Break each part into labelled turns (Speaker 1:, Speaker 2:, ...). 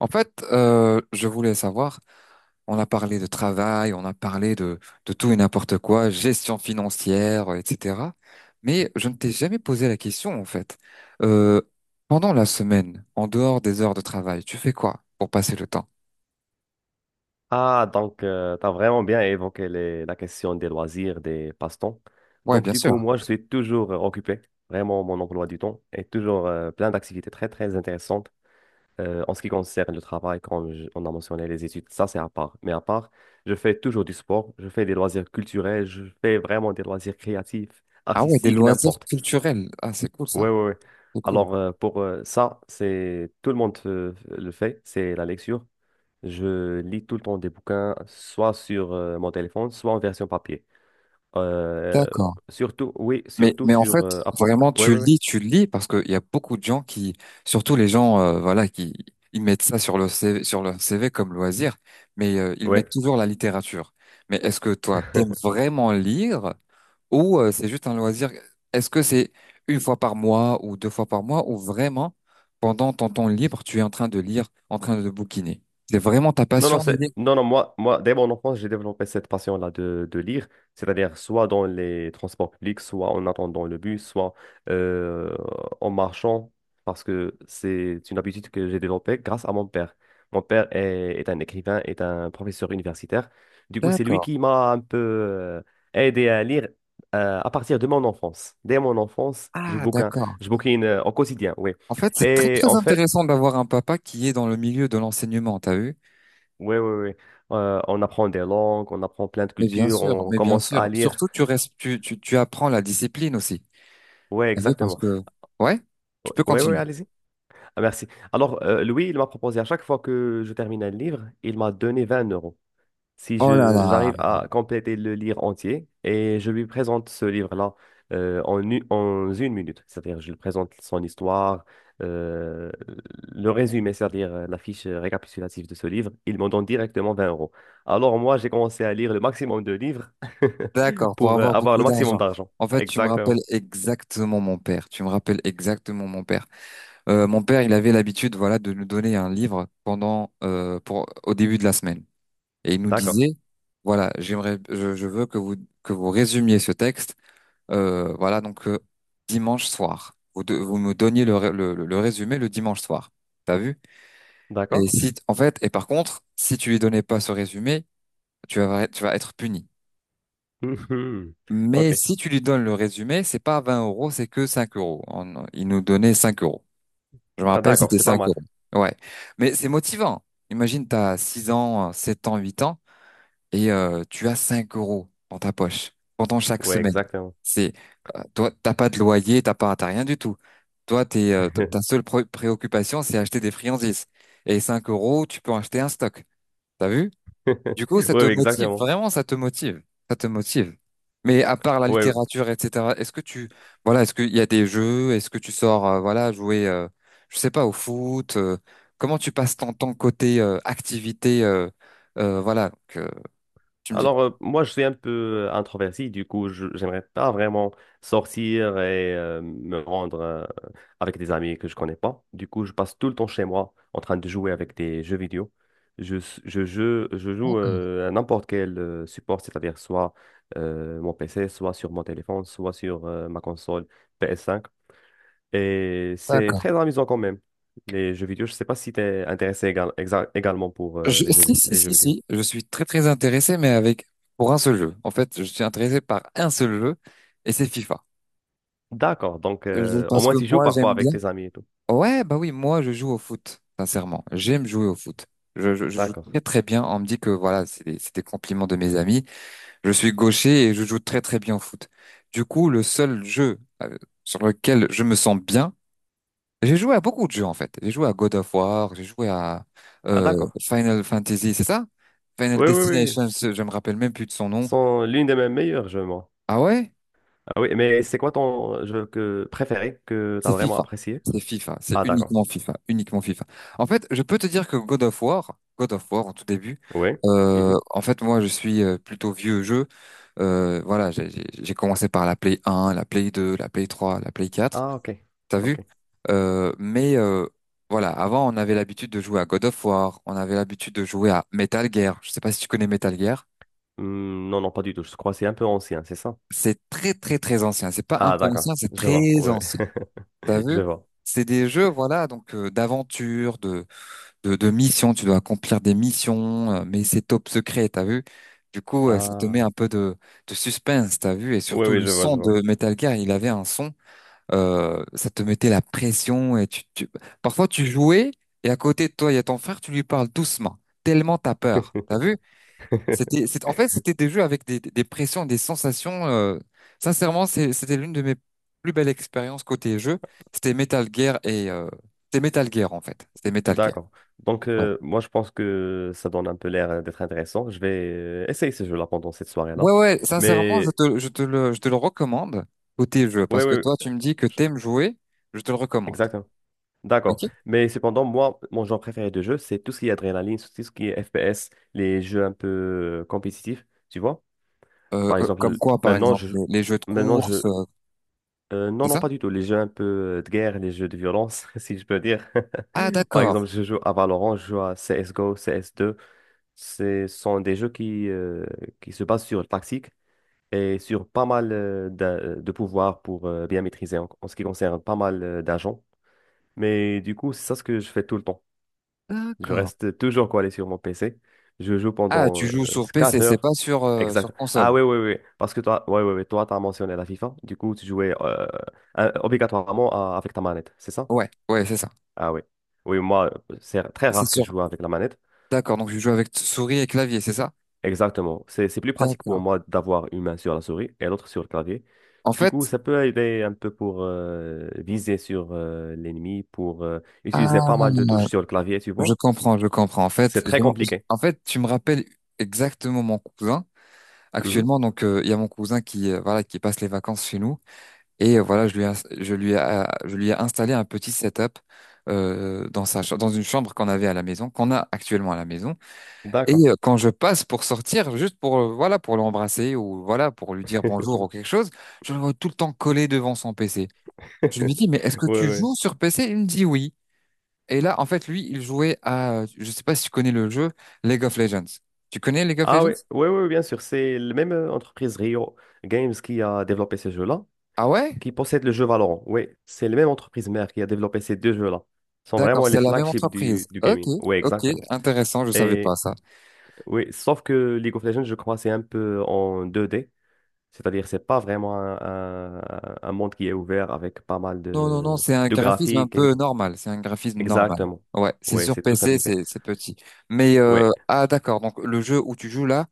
Speaker 1: En fait, je voulais savoir, on a parlé de travail, on a parlé de tout et n'importe quoi, gestion financière, etc. Mais je ne t'ai jamais posé la question, en fait. Euh, Pendant la semaine, en dehors des heures de travail, tu fais quoi pour passer le temps?
Speaker 2: Ah, donc, tu as vraiment bien évoqué la question des loisirs, des passe-temps.
Speaker 1: Ouais,
Speaker 2: Donc,
Speaker 1: bien
Speaker 2: du coup,
Speaker 1: sûr.
Speaker 2: moi, je suis toujours occupé. Vraiment, mon emploi du temps est toujours plein d'activités très, très intéressantes. En ce qui concerne le travail, comme on a mentionné les études, ça, c'est à part. Mais à part, je fais toujours du sport, je fais des loisirs culturels, je fais vraiment des loisirs créatifs,
Speaker 1: Ah ouais, des
Speaker 2: artistiques,
Speaker 1: loisirs
Speaker 2: n'importe.
Speaker 1: culturels. Ah, c'est cool
Speaker 2: Ouais,
Speaker 1: ça.
Speaker 2: ouais, ouais.
Speaker 1: C'est cool.
Speaker 2: Alors, pour ça, c'est tout le monde le fait, c'est la lecture. Je lis tout le temps des bouquins, soit sur mon téléphone, soit en version papier. Euh,
Speaker 1: D'accord.
Speaker 2: Surtout, oui,
Speaker 1: Mais,
Speaker 2: surtout
Speaker 1: mais en
Speaker 2: sur,
Speaker 1: fait,
Speaker 2: à propos.
Speaker 1: vraiment,
Speaker 2: Oui, oui,
Speaker 1: tu le lis, parce qu'il y a beaucoup de gens qui, surtout les gens, voilà, qui ils mettent ça sur leur CV, sur leur CV comme loisir, mais ils
Speaker 2: oui.
Speaker 1: mettent toujours la littérature. Mais est-ce que toi,
Speaker 2: Oui.
Speaker 1: t'aimes vraiment lire ou c'est juste un loisir? Est-ce que c'est une fois par mois ou deux fois par mois ou vraiment, pendant ton temps libre, tu es en train de lire, en train de bouquiner? C'est vraiment ta
Speaker 2: Non,
Speaker 1: passion
Speaker 2: non,
Speaker 1: de
Speaker 2: c'est,
Speaker 1: lire?
Speaker 2: non, non, moi, dès mon enfance, j'ai développé cette passion-là de lire, c'est-à-dire soit dans les transports publics, soit en attendant le bus, soit euh, en marchant, parce que c'est une habitude que j'ai développée grâce à mon père. Mon père est un écrivain, est un professeur universitaire. Du coup, c'est lui
Speaker 1: D'accord.
Speaker 2: qui m'a un peu aidé à lire à partir de mon enfance. Dès mon enfance,
Speaker 1: Ah, d'accord.
Speaker 2: je bouquine au quotidien, oui.
Speaker 1: En fait, c'est très,
Speaker 2: Et
Speaker 1: très
Speaker 2: en fait,
Speaker 1: intéressant d'avoir un papa qui est dans le milieu de l'enseignement, t'as vu?
Speaker 2: oui, oui, oui. On apprend des langues, on apprend plein de
Speaker 1: Mais bien
Speaker 2: cultures,
Speaker 1: sûr,
Speaker 2: on
Speaker 1: mais bien
Speaker 2: commence à
Speaker 1: sûr.
Speaker 2: lire.
Speaker 1: Surtout, tu restes, tu apprends la discipline aussi.
Speaker 2: Oui,
Speaker 1: T'as vu, parce
Speaker 2: exactement.
Speaker 1: que, ouais, tu peux
Speaker 2: Oui, oui,
Speaker 1: continuer.
Speaker 2: allez-y. Ah, merci. Alors, Louis, il m'a proposé à chaque fois que je terminais le livre, il m'a donné 20 euros. Si
Speaker 1: Oh là
Speaker 2: je
Speaker 1: là.
Speaker 2: j'arrive à compléter le livre entier et je lui présente ce livre-là en 1 minute. C'est-à-dire, je lui présente son histoire, euh, le résumé, c'est-à-dire la fiche récapitulative de ce livre. Il m'en donne directement 20 euros. Alors, moi, j'ai commencé à lire le maximum de livres
Speaker 1: D'accord, pour
Speaker 2: pour
Speaker 1: avoir
Speaker 2: avoir
Speaker 1: beaucoup
Speaker 2: le maximum
Speaker 1: d'argent.
Speaker 2: d'argent.
Speaker 1: En fait, tu me rappelles
Speaker 2: Exactement.
Speaker 1: exactement mon père. Tu me rappelles exactement mon père. Mon père, il avait l'habitude, voilà, de nous donner un livre pendant, pour, au début de la semaine. Et il nous
Speaker 2: D'accord.
Speaker 1: disait, voilà, j'aimerais, je veux que vous résumiez ce texte, voilà, donc, dimanche soir. Vous, vous me donniez le résumé le dimanche soir. T'as vu? Et
Speaker 2: D'accord.
Speaker 1: si, en fait, et par contre, si tu lui donnais pas ce résumé, tu vas être puni.
Speaker 2: Mhm.
Speaker 1: Mais
Speaker 2: OK.
Speaker 1: si tu lui donnes le résumé, c'est pas 20 euros, c'est que cinq euros. Il nous donnait 5 euros. Je me
Speaker 2: Ah,
Speaker 1: rappelle,
Speaker 2: d'accord,
Speaker 1: c'était
Speaker 2: c'est pas
Speaker 1: 5
Speaker 2: mal.
Speaker 1: euros. Ouais. Mais c'est motivant. Imagine, t'as 6 ans, 7 ans, 8 ans, et tu as 5 € dans ta poche pendant chaque
Speaker 2: Oui,
Speaker 1: semaine.
Speaker 2: exactement.
Speaker 1: C'est, toi, t'as pas de loyer, t'as rien du tout. Toi, t'es, ta seule préoccupation, c'est acheter des friandises. Et 5 euros, tu peux acheter un stock. T'as vu? Du coup,
Speaker 2: Oui,
Speaker 1: ça te
Speaker 2: oui,
Speaker 1: motive,
Speaker 2: exactement.
Speaker 1: vraiment, ça te motive, ça te motive. Mais à part la
Speaker 2: Oui.
Speaker 1: littérature, etc., est-ce que tu, voilà, est-ce qu'il y a des jeux, est-ce que tu sors, voilà, jouer, je sais pas, au foot, comment tu passes ton temps côté activité, voilà, que tu me dis.
Speaker 2: Alors, moi, je suis un peu introverti, du coup, je j'aimerais pas vraiment sortir et me rendre avec des amis que je connais pas. Du coup, je passe tout le temps chez moi en train de jouer avec des jeux vidéo. Je, s- je joue
Speaker 1: D'accord,
Speaker 2: à n'importe quel support, c'est-à-dire soit mon PC, soit sur mon téléphone, soit sur ma console PS5. Et c'est
Speaker 1: d'accord.
Speaker 2: très amusant quand même, les jeux vidéo. Je sais pas si tu es intéressé également pour les
Speaker 1: Si, si,
Speaker 2: les jeux
Speaker 1: si,
Speaker 2: vidéo.
Speaker 1: si, je suis très, très intéressé, mais pour un seul jeu. En fait, je suis intéressé par un seul jeu, et c'est FIFA.
Speaker 2: D'accord. Donc, au
Speaker 1: Parce
Speaker 2: moins,
Speaker 1: que
Speaker 2: tu joues
Speaker 1: moi,
Speaker 2: parfois
Speaker 1: j'aime bien.
Speaker 2: avec tes amis et tout.
Speaker 1: Ouais, bah oui, moi je joue au foot, sincèrement. J'aime jouer au foot. Je joue
Speaker 2: D'accord.
Speaker 1: très très bien. On me dit que voilà, c'est des compliments de mes amis. Je suis gaucher et je joue très très bien au foot. Du coup, le seul jeu sur lequel je me sens bien, j'ai joué à beaucoup de jeux en fait. J'ai joué à God of War, j'ai joué à
Speaker 2: Ah,
Speaker 1: euh,
Speaker 2: d'accord.
Speaker 1: Final Fantasy, c'est ça? Final
Speaker 2: Oui, oui, oui.
Speaker 1: Destination,
Speaker 2: C'est
Speaker 1: je me rappelle même plus de son nom.
Speaker 2: sont l'une de mes meilleures jeux, moi.
Speaker 1: Ah ouais?
Speaker 2: Ah oui, mais c'est quoi ton jeu préféré que tu as
Speaker 1: C'est
Speaker 2: vraiment
Speaker 1: FIFA.
Speaker 2: apprécié?
Speaker 1: C'est FIFA. C'est
Speaker 2: Ah, d'accord.
Speaker 1: uniquement FIFA. Uniquement FIFA. En fait, je peux te dire que God of War en tout début,
Speaker 2: Oui. Mhm.
Speaker 1: en fait, moi, je suis plutôt vieux jeu. Voilà, j'ai commencé par la Play 1, la Play 2, la Play 3, la Play 4.
Speaker 2: Ah, ok.
Speaker 1: T'as
Speaker 2: Ok.
Speaker 1: vu? Mais voilà, avant, on avait l'habitude de jouer à God of War. On avait l'habitude de jouer à Metal Gear. Je sais pas si tu connais Metal Gear.
Speaker 2: Hmm, non, non, pas du tout. Je crois que c'est un peu ancien, c'est ça?
Speaker 1: C'est très, très, très ancien. C'est pas un
Speaker 2: Ah,
Speaker 1: peu
Speaker 2: d'accord.
Speaker 1: ancien, c'est
Speaker 2: Je vois.
Speaker 1: très
Speaker 2: Oui.
Speaker 1: ancien. T'as vu?
Speaker 2: Je vois.
Speaker 1: C'est des jeux, voilà, donc d'aventure, de missions, tu dois accomplir des missions, mais c'est top secret, t'as vu? Du coup, ça te met
Speaker 2: Ah.
Speaker 1: un peu de suspense, t'as vu? Et
Speaker 2: Oui,
Speaker 1: surtout,
Speaker 2: oui,
Speaker 1: le
Speaker 2: je vois,
Speaker 1: son
Speaker 2: je vois.
Speaker 1: de Metal Gear, il avait un son, ça te mettait la pression et parfois, tu jouais et à côté de toi, il y a ton frère, tu lui parles doucement, tellement t'as peur, t'as vu? C'était, c'est, en fait, c'était des jeux avec des, des pressions, des sensations. Sincèrement, c'était l'une de mes plus belles expériences côté jeu. C'était Metal Gear et... C'était Metal Gear, en fait. C'était Metal Gear.
Speaker 2: D'accord. Donc, moi, je pense que ça donne un peu l'air d'être intéressant. Je vais essayer ce jeu-là pendant cette soirée-là.
Speaker 1: Ouais, ouais, sincèrement, je
Speaker 2: Mais,
Speaker 1: te, je te le, je te le recommande, côté jeu,
Speaker 2: oui,
Speaker 1: parce que
Speaker 2: oui,
Speaker 1: toi, tu me dis que t'aimes jouer, je te le recommande.
Speaker 2: exactement. D'accord.
Speaker 1: Ok?
Speaker 2: Mais cependant, moi, mon genre préféré de jeu, c'est tout ce qui est adrénaline, tout ce qui est FPS, les jeux un peu compétitifs, tu vois? Par
Speaker 1: Comme
Speaker 2: exemple,
Speaker 1: quoi, par
Speaker 2: maintenant,
Speaker 1: exemple,
Speaker 2: je...
Speaker 1: les jeux de
Speaker 2: Maintenant, je...
Speaker 1: course,
Speaker 2: Non,
Speaker 1: c'est
Speaker 2: non,
Speaker 1: ça?
Speaker 2: pas du tout. Les jeux un peu de guerre, les jeux de violence, si je peux dire.
Speaker 1: Ah,
Speaker 2: Par
Speaker 1: d'accord,
Speaker 2: exemple, je joue à Valorant, je joue à CSGO, CS2. Ce sont des jeux qui se basent sur le tactique et sur pas mal de pouvoirs pour bien maîtriser en ce qui concerne pas mal d'agents. Mais du coup, c'est ça ce que je fais tout le temps. Je
Speaker 1: d'accord.
Speaker 2: reste toujours collé sur mon PC. Je joue
Speaker 1: Ah,
Speaker 2: pendant
Speaker 1: tu joues sur PC,
Speaker 2: 4
Speaker 1: c'est
Speaker 2: heures.
Speaker 1: pas sur,
Speaker 2: Exact.
Speaker 1: sur
Speaker 2: Ah
Speaker 1: console.
Speaker 2: oui, oui, oui. Parce que toi, ouais, ouais, ouais, toi, tu as mentionné la FIFA. Du coup, tu jouais obligatoirement avec ta manette, c'est ça?
Speaker 1: Ouais, ouais, c'est ça.
Speaker 2: Ah oui. Oui, moi, c'est très
Speaker 1: C'est
Speaker 2: rare que
Speaker 1: sûr.
Speaker 2: je joue avec la manette.
Speaker 1: D'accord, donc je joue avec souris et clavier, c'est ça?
Speaker 2: Exactement. C'est plus pratique pour
Speaker 1: D'accord.
Speaker 2: moi d'avoir une main sur la souris et l'autre sur le clavier.
Speaker 1: En
Speaker 2: Du coup,
Speaker 1: fait,
Speaker 2: ça peut aider un peu pour viser sur l'ennemi, pour utiliser
Speaker 1: ah,
Speaker 2: pas mal de touches sur le clavier, tu
Speaker 1: je
Speaker 2: vois.
Speaker 1: comprends, je comprends. En fait,
Speaker 2: C'est très compliqué.
Speaker 1: en fait, tu me rappelles exactement mon cousin.
Speaker 2: Mhm.
Speaker 1: Actuellement, donc, il y a mon cousin qui, voilà, qui passe les vacances chez nous et voilà, je lui ai installé un petit setup dans dans une chambre qu'on avait à la maison, qu'on a actuellement à la maison. Et
Speaker 2: D'accord.
Speaker 1: quand je passe pour sortir, juste pour, voilà, pour l'embrasser ou voilà, pour lui dire bonjour ou quelque chose, je le vois tout le temps collé devant son PC. Je lui dis, mais est-ce que
Speaker 2: Oui,
Speaker 1: tu
Speaker 2: oui.
Speaker 1: joues sur PC? Il me dit oui. Et là, en fait, lui, il jouait à, je sais pas si tu connais le jeu League of Legends. Tu connais League of
Speaker 2: Ah
Speaker 1: Legends?
Speaker 2: oui, oui, oui, bien sûr. C'est la même entreprise Rio Games qui a développé ce jeu-là,
Speaker 1: Ah ouais?
Speaker 2: qui possède le jeu Valorant. Oui, c'est la même entreprise mère qui a développé ces deux jeux-là. Ce sont
Speaker 1: D'accord,
Speaker 2: vraiment les
Speaker 1: c'est la même
Speaker 2: flagships
Speaker 1: entreprise.
Speaker 2: du
Speaker 1: Ok,
Speaker 2: gaming. Oui,
Speaker 1: ok,
Speaker 2: exactement.
Speaker 1: intéressant, je savais pas
Speaker 2: Et
Speaker 1: ça.
Speaker 2: Oui, sauf que League of Legends, je crois, c'est un peu en 2D. C'est-à-dire, c'est pas vraiment un monde qui est ouvert avec pas mal
Speaker 1: Non, non, non,
Speaker 2: de,
Speaker 1: c'est un
Speaker 2: de
Speaker 1: graphisme un
Speaker 2: graphiques et
Speaker 1: peu
Speaker 2: tout.
Speaker 1: normal, c'est un graphisme normal.
Speaker 2: Exactement.
Speaker 1: Ouais, c'est
Speaker 2: Oui,
Speaker 1: sur
Speaker 2: c'est tout
Speaker 1: PC,
Speaker 2: simplifié.
Speaker 1: c'est petit. Mais
Speaker 2: Oui, ouais,
Speaker 1: ah d'accord, donc le jeu où tu joues là,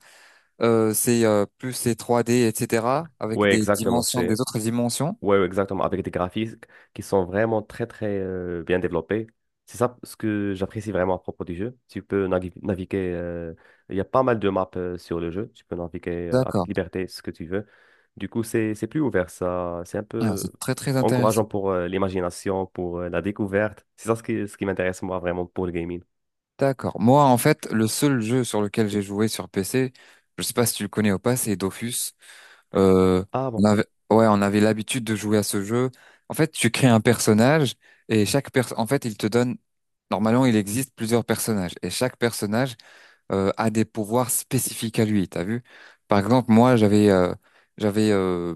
Speaker 1: c'est plus c'est 3D, etc. avec
Speaker 2: ouais,
Speaker 1: des
Speaker 2: exactement.
Speaker 1: dimensions, des
Speaker 2: C'est
Speaker 1: autres dimensions.
Speaker 2: Ouais, ouais, exactement, avec des graphismes qui sont vraiment très, très bien développés. C'est ça ce que j'apprécie vraiment à propos du jeu. Tu peux naviguer, il y a pas mal de maps sur le jeu, tu peux naviguer avec
Speaker 1: D'accord.
Speaker 2: liberté ce que tu veux. Du coup, c'est plus ouvert, ça, c'est un
Speaker 1: Ah,
Speaker 2: peu
Speaker 1: c'est très très intéressant.
Speaker 2: encourageant pour l'imagination, pour la découverte. C'est ça ce qui m'intéresse moi vraiment pour le gaming.
Speaker 1: D'accord. Moi, en fait, le seul jeu sur lequel j'ai joué sur PC, je sais pas si tu le connais ou pas, c'est Dofus. Euh,
Speaker 2: Ah
Speaker 1: on
Speaker 2: bon?
Speaker 1: avait, ouais, on avait l'habitude de jouer à ce jeu. En fait, tu crées un personnage et chaque personne, en fait, il te donne. Normalement, il existe plusieurs personnages et chaque personnage a des pouvoirs spécifiques à lui. T'as vu? Par exemple, moi, j'avais, euh,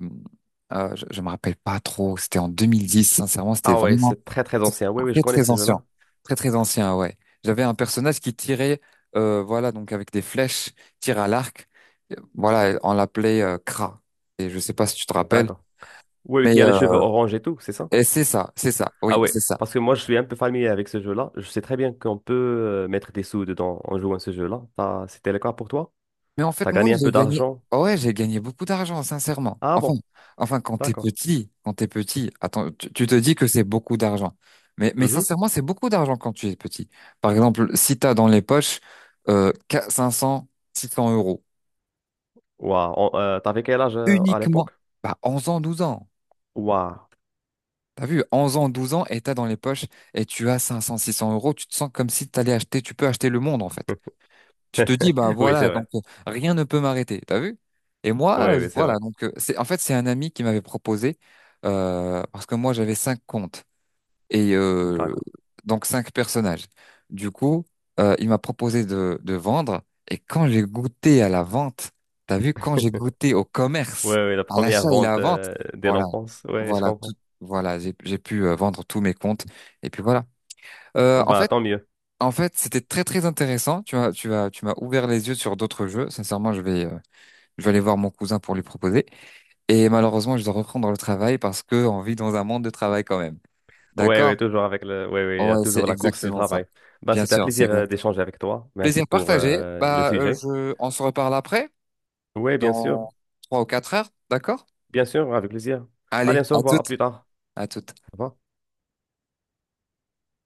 Speaker 1: je me rappelle pas trop. C'était en 2010. Sincèrement, c'était
Speaker 2: Ah ouais,
Speaker 1: vraiment
Speaker 2: c'est très, très
Speaker 1: c'est
Speaker 2: ancien. Oui, oui, je
Speaker 1: très
Speaker 2: connais
Speaker 1: très
Speaker 2: ce
Speaker 1: ancien.
Speaker 2: jeu-là.
Speaker 1: Très très ancien, ouais. J'avais un personnage qui tirait, voilà, donc avec des flèches, tire à l'arc. Voilà, on l'appelait Kra. Et je sais pas si tu te rappelles,
Speaker 2: D'accord. Oui, oui,
Speaker 1: mais
Speaker 2: qui a les cheveux orange et tout, c'est ça?
Speaker 1: et c'est ça,
Speaker 2: Ah
Speaker 1: oui,
Speaker 2: ouais,
Speaker 1: c'est ça.
Speaker 2: parce que moi je suis un peu familier avec ce jeu-là. Je sais très bien qu'on peut mettre des sous dedans en jouant à ce jeu-là. C'était le cas pour toi?
Speaker 1: Mais en fait,
Speaker 2: T'as
Speaker 1: moi,
Speaker 2: gagné un
Speaker 1: j'ai
Speaker 2: peu
Speaker 1: gagné,
Speaker 2: d'argent?
Speaker 1: ah ouais, j'ai gagné beaucoup d'argent, sincèrement.
Speaker 2: Ah
Speaker 1: Enfin,
Speaker 2: bon,
Speaker 1: enfin,
Speaker 2: d'accord.
Speaker 1: quand t'es petit, attends, tu te dis que c'est beaucoup d'argent. Mais
Speaker 2: Mhm.
Speaker 1: sincèrement, c'est beaucoup d'argent quand tu es petit. Par exemple, si t'as dans les poches euh, 500, 600 euros.
Speaker 2: Ouah, t'avais quel âge à
Speaker 1: Uniquement,
Speaker 2: l'époque?
Speaker 1: bah, 11 ans, 12 ans.
Speaker 2: Waouh.
Speaker 1: T'as vu, 11 ans, 12 ans, et t'as dans les poches, et tu as cinq cents six cents euros, tu te sens comme si t'allais acheter, tu peux acheter le monde, en fait. Tu te dis, bah
Speaker 2: Oui,
Speaker 1: voilà,
Speaker 2: c'est
Speaker 1: donc
Speaker 2: vrai.
Speaker 1: rien ne peut m'arrêter, t'as vu? Et
Speaker 2: Oui,
Speaker 1: moi,
Speaker 2: oui, c'est
Speaker 1: voilà,
Speaker 2: vrai.
Speaker 1: donc en fait, c'est un ami qui m'avait proposé, parce que moi, j'avais 5 comptes. Et
Speaker 2: D'accord.
Speaker 1: donc cinq personnages. Du coup, il m'a proposé de vendre. Et quand j'ai goûté à la vente, t'as vu, quand j'ai goûté au
Speaker 2: Oui,
Speaker 1: commerce,
Speaker 2: oui, la
Speaker 1: à
Speaker 2: première
Speaker 1: l'achat et la
Speaker 2: vente
Speaker 1: vente,
Speaker 2: dès
Speaker 1: voilà,
Speaker 2: l'enfance. Oui, je
Speaker 1: voilà tout,
Speaker 2: comprends.
Speaker 1: voilà, j'ai pu vendre tous mes comptes. Et puis voilà. Euh, en
Speaker 2: Bah,
Speaker 1: fait,
Speaker 2: tant mieux.
Speaker 1: en fait, c'était très très intéressant. Tu m'as ouvert les yeux sur d'autres jeux. Sincèrement, je vais aller voir mon cousin pour lui proposer. Et malheureusement, je dois reprendre le travail parce que on vit dans un monde de travail quand même.
Speaker 2: Oui,
Speaker 1: D'accord?
Speaker 2: oui, oui, oui, il y a
Speaker 1: Ouais, c'est
Speaker 2: toujours la course du
Speaker 1: exactement ça.
Speaker 2: travail. Bah,
Speaker 1: Bien
Speaker 2: c'était un
Speaker 1: sûr, c'est
Speaker 2: plaisir
Speaker 1: exact.
Speaker 2: d'échanger avec toi. Merci
Speaker 1: Plaisir
Speaker 2: pour
Speaker 1: partagé.
Speaker 2: le
Speaker 1: Bah, euh,
Speaker 2: sujet.
Speaker 1: je, on se reparle après,
Speaker 2: Oui, bien sûr.
Speaker 1: dans 3 ou 4 heures, d'accord?
Speaker 2: Bien sûr, avec plaisir. Allez, on
Speaker 1: Allez,
Speaker 2: se
Speaker 1: à
Speaker 2: revoit. À
Speaker 1: toutes,
Speaker 2: plus tard.
Speaker 1: à toutes.
Speaker 2: Au revoir.